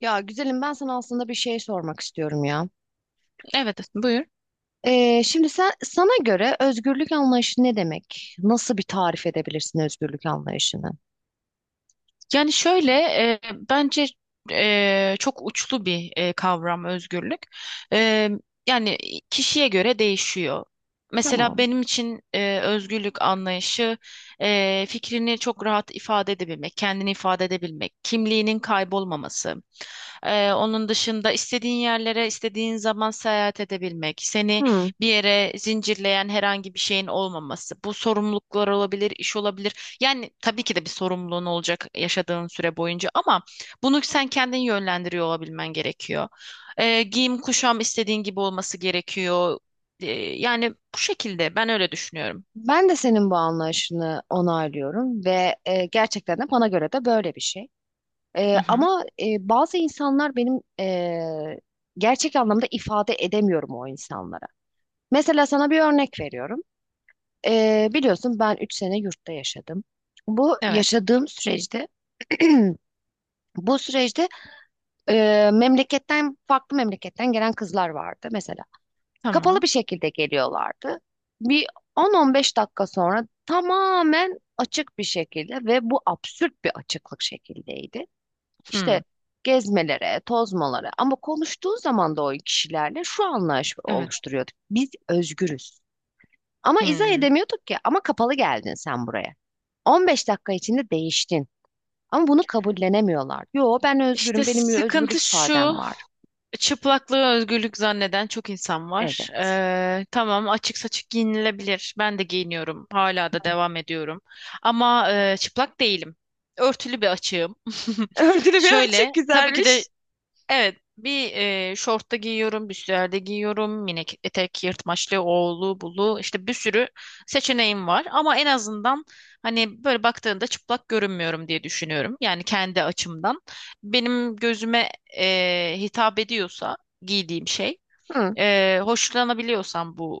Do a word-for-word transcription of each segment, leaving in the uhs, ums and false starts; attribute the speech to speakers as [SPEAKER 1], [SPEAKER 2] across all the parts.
[SPEAKER 1] Ya güzelim ben sana aslında bir şey sormak istiyorum ya.
[SPEAKER 2] Evet, buyur.
[SPEAKER 1] Ee, şimdi sen sana göre özgürlük anlayışı ne demek? Nasıl bir tarif edebilirsin özgürlük anlayışını?
[SPEAKER 2] Yani şöyle e, bence e, çok uçlu bir e, kavram özgürlük. E, yani kişiye göre değişiyor. Mesela
[SPEAKER 1] Tamam.
[SPEAKER 2] benim için e, özgürlük anlayışı e, fikrini çok rahat ifade edebilmek, kendini ifade edebilmek, kimliğinin kaybolmaması. E, onun dışında istediğin yerlere, istediğin zaman seyahat edebilmek, seni
[SPEAKER 1] Hmm.
[SPEAKER 2] bir yere zincirleyen herhangi bir şeyin olmaması. Bu sorumluluklar olabilir, iş olabilir. Yani tabii ki de bir sorumluluğun olacak yaşadığın süre boyunca ama bunu sen kendin yönlendiriyor olabilmen gerekiyor. Ee, giyim kuşam istediğin gibi olması gerekiyor. Ee, yani bu şekilde ben öyle düşünüyorum.
[SPEAKER 1] Ben de senin bu anlayışını onaylıyorum ve e, gerçekten de bana göre de böyle bir şey. E,
[SPEAKER 2] Hı hı.
[SPEAKER 1] ama e, bazı insanlar benim e, gerçek anlamda ifade edemiyorum o insanlara. Mesela sana bir örnek veriyorum. E, biliyorsun ben üç sene yurtta yaşadım. Bu
[SPEAKER 2] Evet.
[SPEAKER 1] yaşadığım süreçte bu süreçte e, memleketten farklı memleketten gelen kızlar vardı mesela. Kapalı
[SPEAKER 2] Tamam.
[SPEAKER 1] bir şekilde geliyorlardı. Bir on on beş dakika sonra tamamen açık bir şekilde ve bu absürt bir açıklık şekildeydi. İşte
[SPEAKER 2] Hı.
[SPEAKER 1] gezmelere, tozmalara ama konuştuğu zaman da o kişilerle şu anlayış
[SPEAKER 2] Evet.
[SPEAKER 1] oluşturuyorduk. Biz özgürüz. Ama izah
[SPEAKER 2] Hı.
[SPEAKER 1] edemiyorduk ki ama kapalı geldin sen buraya. on beş dakika içinde değiştin. Ama bunu kabullenemiyorlar. Yo ben
[SPEAKER 2] İşte
[SPEAKER 1] özgürüm, benim
[SPEAKER 2] sıkıntı
[SPEAKER 1] özgürlük ifadem
[SPEAKER 2] şu.
[SPEAKER 1] var.
[SPEAKER 2] Çıplaklığı özgürlük zanneden çok insan var.
[SPEAKER 1] Evet.
[SPEAKER 2] Ee, tamam açık saçık giyinilebilir. Ben de giyiniyorum. Hala da devam ediyorum. Ama e, çıplak değilim. Örtülü bir açığım.
[SPEAKER 1] Öldürmeyen çok
[SPEAKER 2] Şöyle tabii ki de
[SPEAKER 1] güzelmiş.
[SPEAKER 2] evet, bir e, şortta giyiyorum, bir süerde giyiyorum, minik etek, yırtmaçlı, oğlu, bulu, işte bir sürü seçeneğim var. Ama en azından hani böyle baktığında çıplak görünmüyorum diye düşünüyorum. Yani kendi açımdan. Benim gözüme e, hitap ediyorsa giydiğim şey,
[SPEAKER 1] Hı,
[SPEAKER 2] e, hoşlanabiliyorsam bu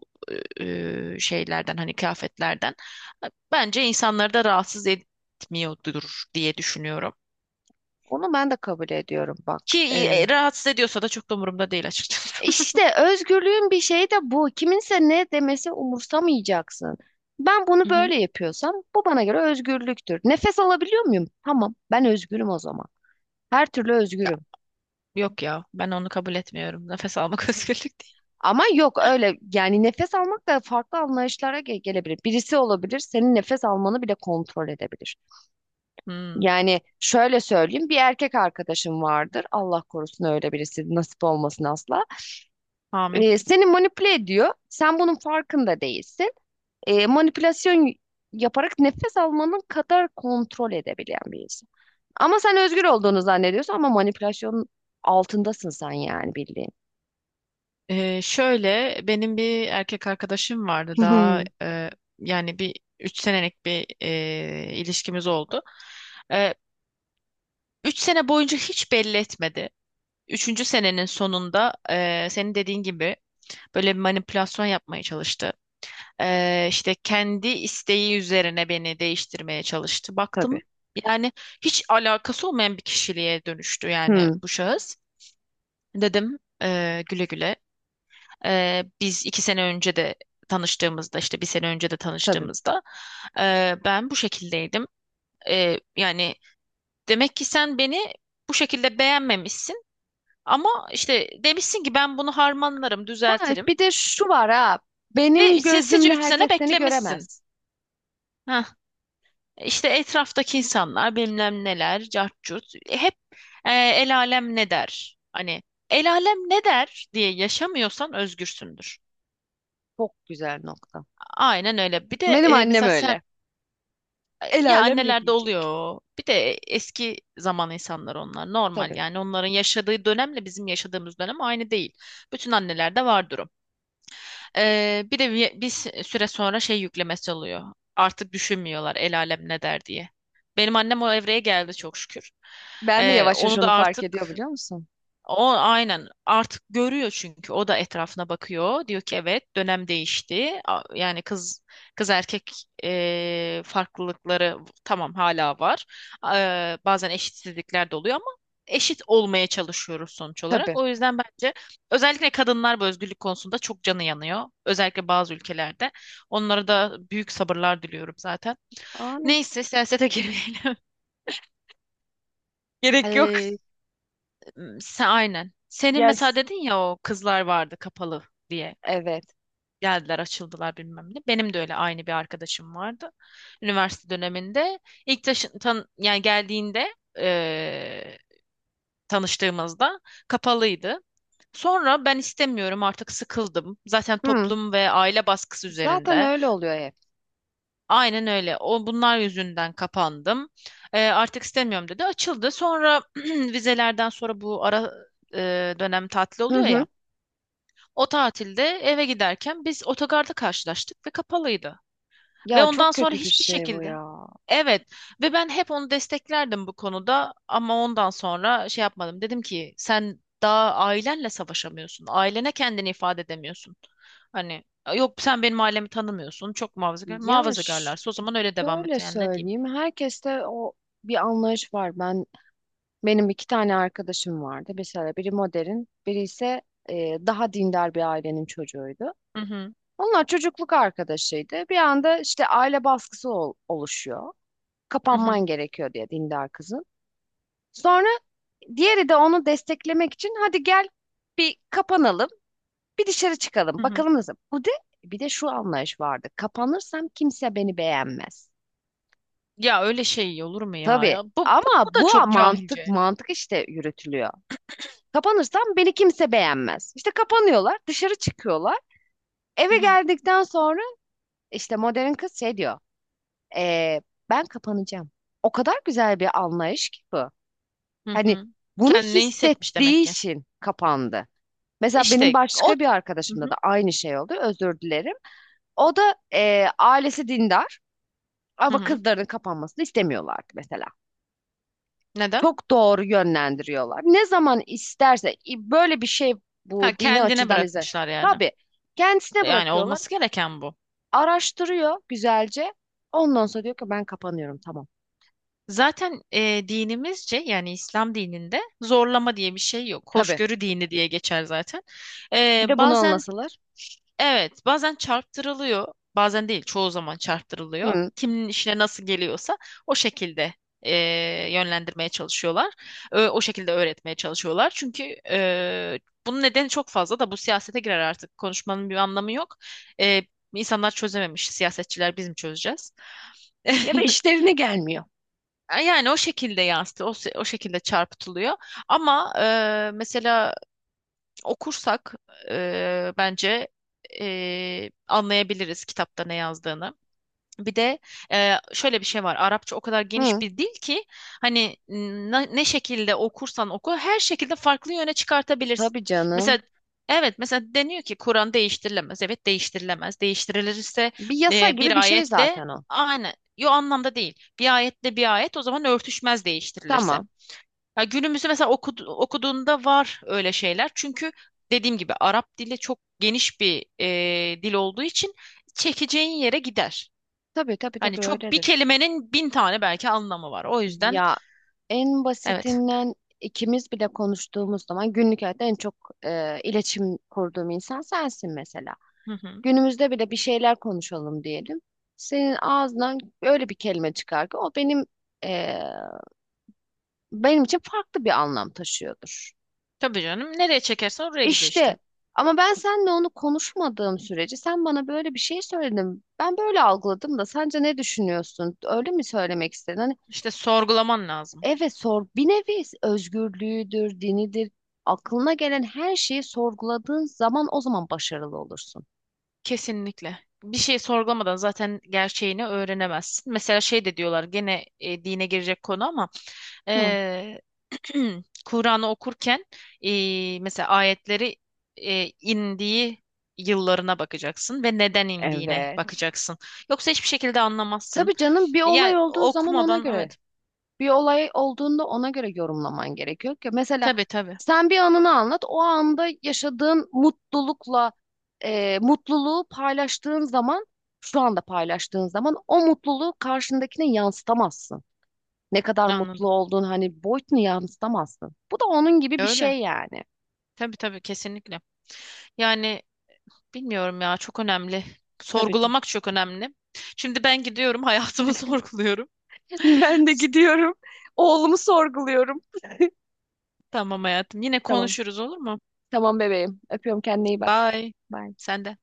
[SPEAKER 2] e, şeylerden hani kıyafetlerden, bence insanları da rahatsız etmiyordur diye düşünüyorum.
[SPEAKER 1] onu ben de kabul ediyorum bak.
[SPEAKER 2] Ki
[SPEAKER 1] Ee,
[SPEAKER 2] e, rahatsız ediyorsa da çok da umurumda değil açıkçası.
[SPEAKER 1] işte özgürlüğün bir şeyi de bu. Kiminse ne demesi umursamayacaksın. Ben
[SPEAKER 2] Hı
[SPEAKER 1] bunu
[SPEAKER 2] hı.
[SPEAKER 1] böyle yapıyorsam bu bana göre özgürlüktür. Nefes alabiliyor muyum? Tamam, ben özgürüm o zaman. Her türlü
[SPEAKER 2] Ya,
[SPEAKER 1] özgürüm.
[SPEAKER 2] yok ya ben onu kabul etmiyorum. Nefes almak özgürlük değil.
[SPEAKER 1] Ama yok öyle yani nefes almak da farklı anlayışlara ge- gelebilir. Birisi olabilir, senin nefes almanı bile kontrol edebilir.
[SPEAKER 2] Hmm,
[SPEAKER 1] Yani şöyle söyleyeyim bir erkek arkadaşım vardır. Allah korusun öyle birisi nasip olmasın asla.
[SPEAKER 2] amin.
[SPEAKER 1] Ee, seni manipüle ediyor. Sen bunun farkında değilsin. Ee, manipülasyon yaparak nefes almanın kadar kontrol edebilen bir insan. Ama sen özgür olduğunu zannediyorsun ama manipülasyonun altındasın sen yani bildiğin.
[SPEAKER 2] Ee, şöyle benim bir erkek arkadaşım vardı daha
[SPEAKER 1] Hmm,
[SPEAKER 2] e, yani bir üç senelik bir e, ilişkimiz oldu. E, Üç sene boyunca hiç belli etmedi. Üçüncü senenin sonunda e, senin dediğin gibi böyle bir manipülasyon yapmaya çalıştı. Ee, işte kendi isteği üzerine beni değiştirmeye çalıştı.
[SPEAKER 1] tabii.
[SPEAKER 2] Baktım yani hiç alakası olmayan bir kişiliğe dönüştü yani
[SPEAKER 1] Hmm,
[SPEAKER 2] bu şahıs. Dedim, "Ee, güle güle. Ee, biz iki sene önce de tanıştığımızda işte bir sene önce de
[SPEAKER 1] tabii.
[SPEAKER 2] tanıştığımızda ee, ben bu şekildeydim. Ee, yani demek ki sen beni bu şekilde beğenmemişsin ama işte demişsin ki ben bunu harmanlarım,
[SPEAKER 1] Ha,
[SPEAKER 2] düzeltirim
[SPEAKER 1] bir de şu var ha.
[SPEAKER 2] ve
[SPEAKER 1] Benim
[SPEAKER 2] sinsice
[SPEAKER 1] gözümle
[SPEAKER 2] üç sene
[SPEAKER 1] herkes seni
[SPEAKER 2] beklemişsin."
[SPEAKER 1] göremez.
[SPEAKER 2] Heh. İşte etraftaki insanlar bilmem neler, cart curt hep e, el alem ne der? Hani el alem ne der diye yaşamıyorsan özgürsündür.
[SPEAKER 1] Çok güzel nokta.
[SPEAKER 2] Aynen öyle. Bir de
[SPEAKER 1] Benim
[SPEAKER 2] e,
[SPEAKER 1] annem
[SPEAKER 2] mesela sen
[SPEAKER 1] öyle.
[SPEAKER 2] e,
[SPEAKER 1] El
[SPEAKER 2] ya
[SPEAKER 1] alem ne
[SPEAKER 2] annelerde
[SPEAKER 1] diyecek?
[SPEAKER 2] oluyor. Bir de eski zaman insanlar onlar normal
[SPEAKER 1] Tabii.
[SPEAKER 2] yani onların yaşadığı dönemle bizim yaşadığımız dönem aynı değil. Bütün annelerde vardır o. Ee, bir de bir, bir süre sonra şey yüklemesi oluyor. Artık düşünmüyorlar el alem ne der diye. Benim annem o evreye geldi çok şükür.
[SPEAKER 1] Ben de
[SPEAKER 2] Ee,
[SPEAKER 1] yavaş yavaş
[SPEAKER 2] onu da
[SPEAKER 1] onu fark ediyor
[SPEAKER 2] artık
[SPEAKER 1] biliyor musun?
[SPEAKER 2] o aynen artık görüyor çünkü o da etrafına bakıyor. Diyor ki evet dönem değişti. A- Yani kız kız erkek e, farklılıkları tamam hala var. E, bazen eşitsizlikler de oluyor ama eşit olmaya çalışıyoruz sonuç
[SPEAKER 1] Tabii.
[SPEAKER 2] olarak. O yüzden bence özellikle kadınlar bu özgürlük konusunda çok canı yanıyor. Özellikle bazı ülkelerde. Onlara da büyük sabırlar diliyorum zaten.
[SPEAKER 1] Amin.
[SPEAKER 2] Neyse siyasete girmeyelim.
[SPEAKER 1] Gerek yok.
[SPEAKER 2] Hmm, sen aynen. Senin mesela
[SPEAKER 1] Yes.
[SPEAKER 2] dedin ya o kızlar vardı kapalı diye.
[SPEAKER 1] Evet.
[SPEAKER 2] Geldiler, açıldılar bilmem ne. Benim de öyle aynı bir arkadaşım vardı. Üniversite döneminde ilk taşı- tan yani geldiğinde eee, tanıştığımızda kapalıydı. Sonra ben istemiyorum artık sıkıldım. Zaten
[SPEAKER 1] Hı.
[SPEAKER 2] toplum ve aile baskısı
[SPEAKER 1] Zaten
[SPEAKER 2] üzerinde.
[SPEAKER 1] öyle oluyor hep.
[SPEAKER 2] Aynen öyle. O bunlar yüzünden kapandım. Eee, artık istemiyorum dedi. Açıldı. Sonra vizelerden sonra bu ara eee, dönem tatil
[SPEAKER 1] Hı
[SPEAKER 2] oluyor
[SPEAKER 1] hı.
[SPEAKER 2] ya. O tatilde eve giderken biz otogarda karşılaştık ve kapalıydı. Ve
[SPEAKER 1] Ya
[SPEAKER 2] ondan
[SPEAKER 1] çok
[SPEAKER 2] sonra
[SPEAKER 1] kötü bir
[SPEAKER 2] hiçbir
[SPEAKER 1] şey bu
[SPEAKER 2] şekilde.
[SPEAKER 1] ya.
[SPEAKER 2] Evet ve ben hep onu desteklerdim bu konuda ama ondan sonra şey yapmadım. Dedim ki sen daha ailenle savaşamıyorsun. Ailene kendini ifade edemiyorsun. Hani yok sen benim ailemi tanımıyorsun. Çok muhafazakar.
[SPEAKER 1] Ya ş-
[SPEAKER 2] Muhafazakarlarsa o zaman öyle devam et.
[SPEAKER 1] Şöyle
[SPEAKER 2] Yani ne diyeyim?
[SPEAKER 1] söyleyeyim. Herkeste o bir anlayış var. Ben benim iki tane arkadaşım vardı. Mesela biri modern, biri ise e, daha dindar bir ailenin çocuğuydu.
[SPEAKER 2] Hı hı,
[SPEAKER 1] Onlar çocukluk arkadaşıydı. Bir anda işte aile baskısı ol- oluşuyor.
[SPEAKER 2] hı hı,
[SPEAKER 1] Kapanman gerekiyor diye dindar kızın. Sonra diğeri de onu desteklemek için hadi gel bir kapanalım, bir dışarı
[SPEAKER 2] hı
[SPEAKER 1] çıkalım.
[SPEAKER 2] hı.
[SPEAKER 1] Bakalım nasıl. Bu de bir de şu anlayış vardı. Kapanırsam kimse beni beğenmez.
[SPEAKER 2] Ya öyle şey olur mu ya?
[SPEAKER 1] Tabii
[SPEAKER 2] Ya bu, bu,
[SPEAKER 1] ama
[SPEAKER 2] bu da
[SPEAKER 1] bu
[SPEAKER 2] çok
[SPEAKER 1] mantık
[SPEAKER 2] cahilce.
[SPEAKER 1] mantık işte yürütülüyor. Kapanırsam beni kimse beğenmez. İşte kapanıyorlar, dışarı çıkıyorlar.
[SPEAKER 2] Hı
[SPEAKER 1] Eve
[SPEAKER 2] hı,
[SPEAKER 1] geldikten sonra işte modern kız şey diyor. "Ee, Ben kapanacağım. O kadar güzel bir anlayış ki bu.
[SPEAKER 2] hı
[SPEAKER 1] Hani
[SPEAKER 2] hı.
[SPEAKER 1] bunu
[SPEAKER 2] Kendini hissetmiş
[SPEAKER 1] hissettiği
[SPEAKER 2] demek ki.
[SPEAKER 1] için kapandı. Mesela benim
[SPEAKER 2] İşte o
[SPEAKER 1] başka bir
[SPEAKER 2] hı
[SPEAKER 1] arkadaşımda
[SPEAKER 2] hı.
[SPEAKER 1] da aynı şey oldu. Özür dilerim. O da e, ailesi dindar
[SPEAKER 2] Hı
[SPEAKER 1] ama
[SPEAKER 2] hı.
[SPEAKER 1] kızlarının kapanmasını istemiyorlardı mesela.
[SPEAKER 2] Neden?
[SPEAKER 1] Çok doğru yönlendiriyorlar. Ne zaman isterse i- böyle bir şey
[SPEAKER 2] Ha,
[SPEAKER 1] bu dini
[SPEAKER 2] kendine
[SPEAKER 1] açıdan izle.
[SPEAKER 2] bırakmışlar yani.
[SPEAKER 1] Tabii kendisine
[SPEAKER 2] Yani
[SPEAKER 1] bırakıyorlar.
[SPEAKER 2] olması gereken bu.
[SPEAKER 1] Araştırıyor güzelce. Ondan sonra diyor ki ben kapanıyorum tamam.
[SPEAKER 2] Zaten e, dinimizce yani İslam dininde zorlama diye bir şey yok.
[SPEAKER 1] Tabii.
[SPEAKER 2] Hoşgörü dini diye geçer zaten. E,
[SPEAKER 1] Bir de bunu
[SPEAKER 2] bazen
[SPEAKER 1] anlasalar.
[SPEAKER 2] evet, bazen çarptırılıyor, bazen değil, çoğu zaman çarptırılıyor.
[SPEAKER 1] Hı.
[SPEAKER 2] Kimin işine nasıl geliyorsa o şekilde eee, yönlendirmeye çalışıyorlar. Ö- o şekilde öğretmeye çalışıyorlar. Çünkü eee, bunun nedeni çok fazla da bu siyasete girer artık. Konuşmanın bir anlamı yok. Eee insanlar çözememiş, siyasetçiler biz mi çözeceğiz?
[SPEAKER 1] Ya da işlerine gelmiyor.
[SPEAKER 2] Yani o şekilde yansıtı, o, se- o şekilde çarpıtılıyor. Ama eee, mesela okursak e, bence e, anlayabiliriz kitapta ne yazdığını. Bir de e, şöyle bir şey var. Arapça o kadar geniş
[SPEAKER 1] Hı.
[SPEAKER 2] bir dil ki hani n- ne şekilde okursan oku her şekilde farklı yöne çıkartabilirsin.
[SPEAKER 1] Tabii
[SPEAKER 2] Mesela
[SPEAKER 1] canım.
[SPEAKER 2] evet mesela deniyor ki Kur'an değiştirilemez. Evet değiştirilemez. Değiştirilirse
[SPEAKER 1] Bir yasa
[SPEAKER 2] e,
[SPEAKER 1] gibi
[SPEAKER 2] bir
[SPEAKER 1] bir şey
[SPEAKER 2] ayetle
[SPEAKER 1] zaten o.
[SPEAKER 2] aynı. Yo anlamda değil. Bir ayetle bir ayet o zaman örtüşmez değiştirilirse.
[SPEAKER 1] Tamam.
[SPEAKER 2] Ya günümüzde mesela okud- okuduğunda var öyle şeyler. Çünkü dediğim gibi Arap dili çok geniş bir e, dil olduğu için çekeceğin yere gider.
[SPEAKER 1] Tabii tabii
[SPEAKER 2] Hani
[SPEAKER 1] tabii
[SPEAKER 2] çok bir
[SPEAKER 1] öyledir.
[SPEAKER 2] kelimenin bin tane belki anlamı var. O yüzden
[SPEAKER 1] Ya en
[SPEAKER 2] evet.
[SPEAKER 1] basitinden ikimiz bile konuştuğumuz zaman günlük hayatta en çok e, iletişim kurduğum insan sensin mesela.
[SPEAKER 2] Hı hı.
[SPEAKER 1] Günümüzde bile bir şeyler konuşalım diyelim. Senin ağzından öyle bir kelime çıkar ki o benim e, benim için farklı bir anlam taşıyordur.
[SPEAKER 2] Tabii canım. Nereye çekersen oraya gidiyor işte.
[SPEAKER 1] İşte ama ben seninle onu konuşmadığım sürece sen bana böyle bir şey söyledin. Ben böyle algıladım da sence ne düşünüyorsun? Öyle mi söylemek istedin?
[SPEAKER 2] İşte sorgulaman lazım.
[SPEAKER 1] Evet sor bir nevi özgürlüğüdür, dinidir. Aklına gelen her şeyi sorguladığın zaman o zaman başarılı olursun.
[SPEAKER 2] Kesinlikle. Bir şey sorgulamadan zaten gerçeğini öğrenemezsin. Mesela şey de diyorlar gene e, dine girecek konu ama
[SPEAKER 1] Hı.
[SPEAKER 2] eee, Kur'an'ı okurken eee, mesela ayetleri eee, indiği yıllarına bakacaksın ve neden indiğine
[SPEAKER 1] Evet.
[SPEAKER 2] bakacaksın. Yoksa hiçbir şekilde anlamazsın.
[SPEAKER 1] Tabii canım bir olay
[SPEAKER 2] Yani
[SPEAKER 1] olduğu zaman ona
[SPEAKER 2] okumadan
[SPEAKER 1] göre,
[SPEAKER 2] evet.
[SPEAKER 1] bir olay olduğunda ona göre yorumlaman gerekiyor ki mesela
[SPEAKER 2] Tabii tabii.
[SPEAKER 1] sen bir anını anlat, o anda yaşadığın mutlulukla e, mutluluğu paylaştığın zaman, şu anda paylaştığın zaman o mutluluğu karşındakine yansıtamazsın. Ne kadar mutlu
[SPEAKER 2] Anladım.
[SPEAKER 1] olduğun hani boyutunu yansıtamazsın. Bu da onun gibi bir
[SPEAKER 2] Öyle.
[SPEAKER 1] şey yani.
[SPEAKER 2] Tabii tabii kesinlikle. Yani bilmiyorum ya çok önemli.
[SPEAKER 1] Tabii ki.
[SPEAKER 2] Sorgulamak çok önemli. Şimdi ben gidiyorum hayatımı sorguluyorum.
[SPEAKER 1] Ben de gidiyorum. Oğlumu sorguluyorum.
[SPEAKER 2] Tamam hayatım. Yine
[SPEAKER 1] Tamam.
[SPEAKER 2] konuşuruz olur mu?
[SPEAKER 1] Tamam bebeğim. Öpüyorum kendine iyi bak.
[SPEAKER 2] Bye.
[SPEAKER 1] Bye.
[SPEAKER 2] Sen de.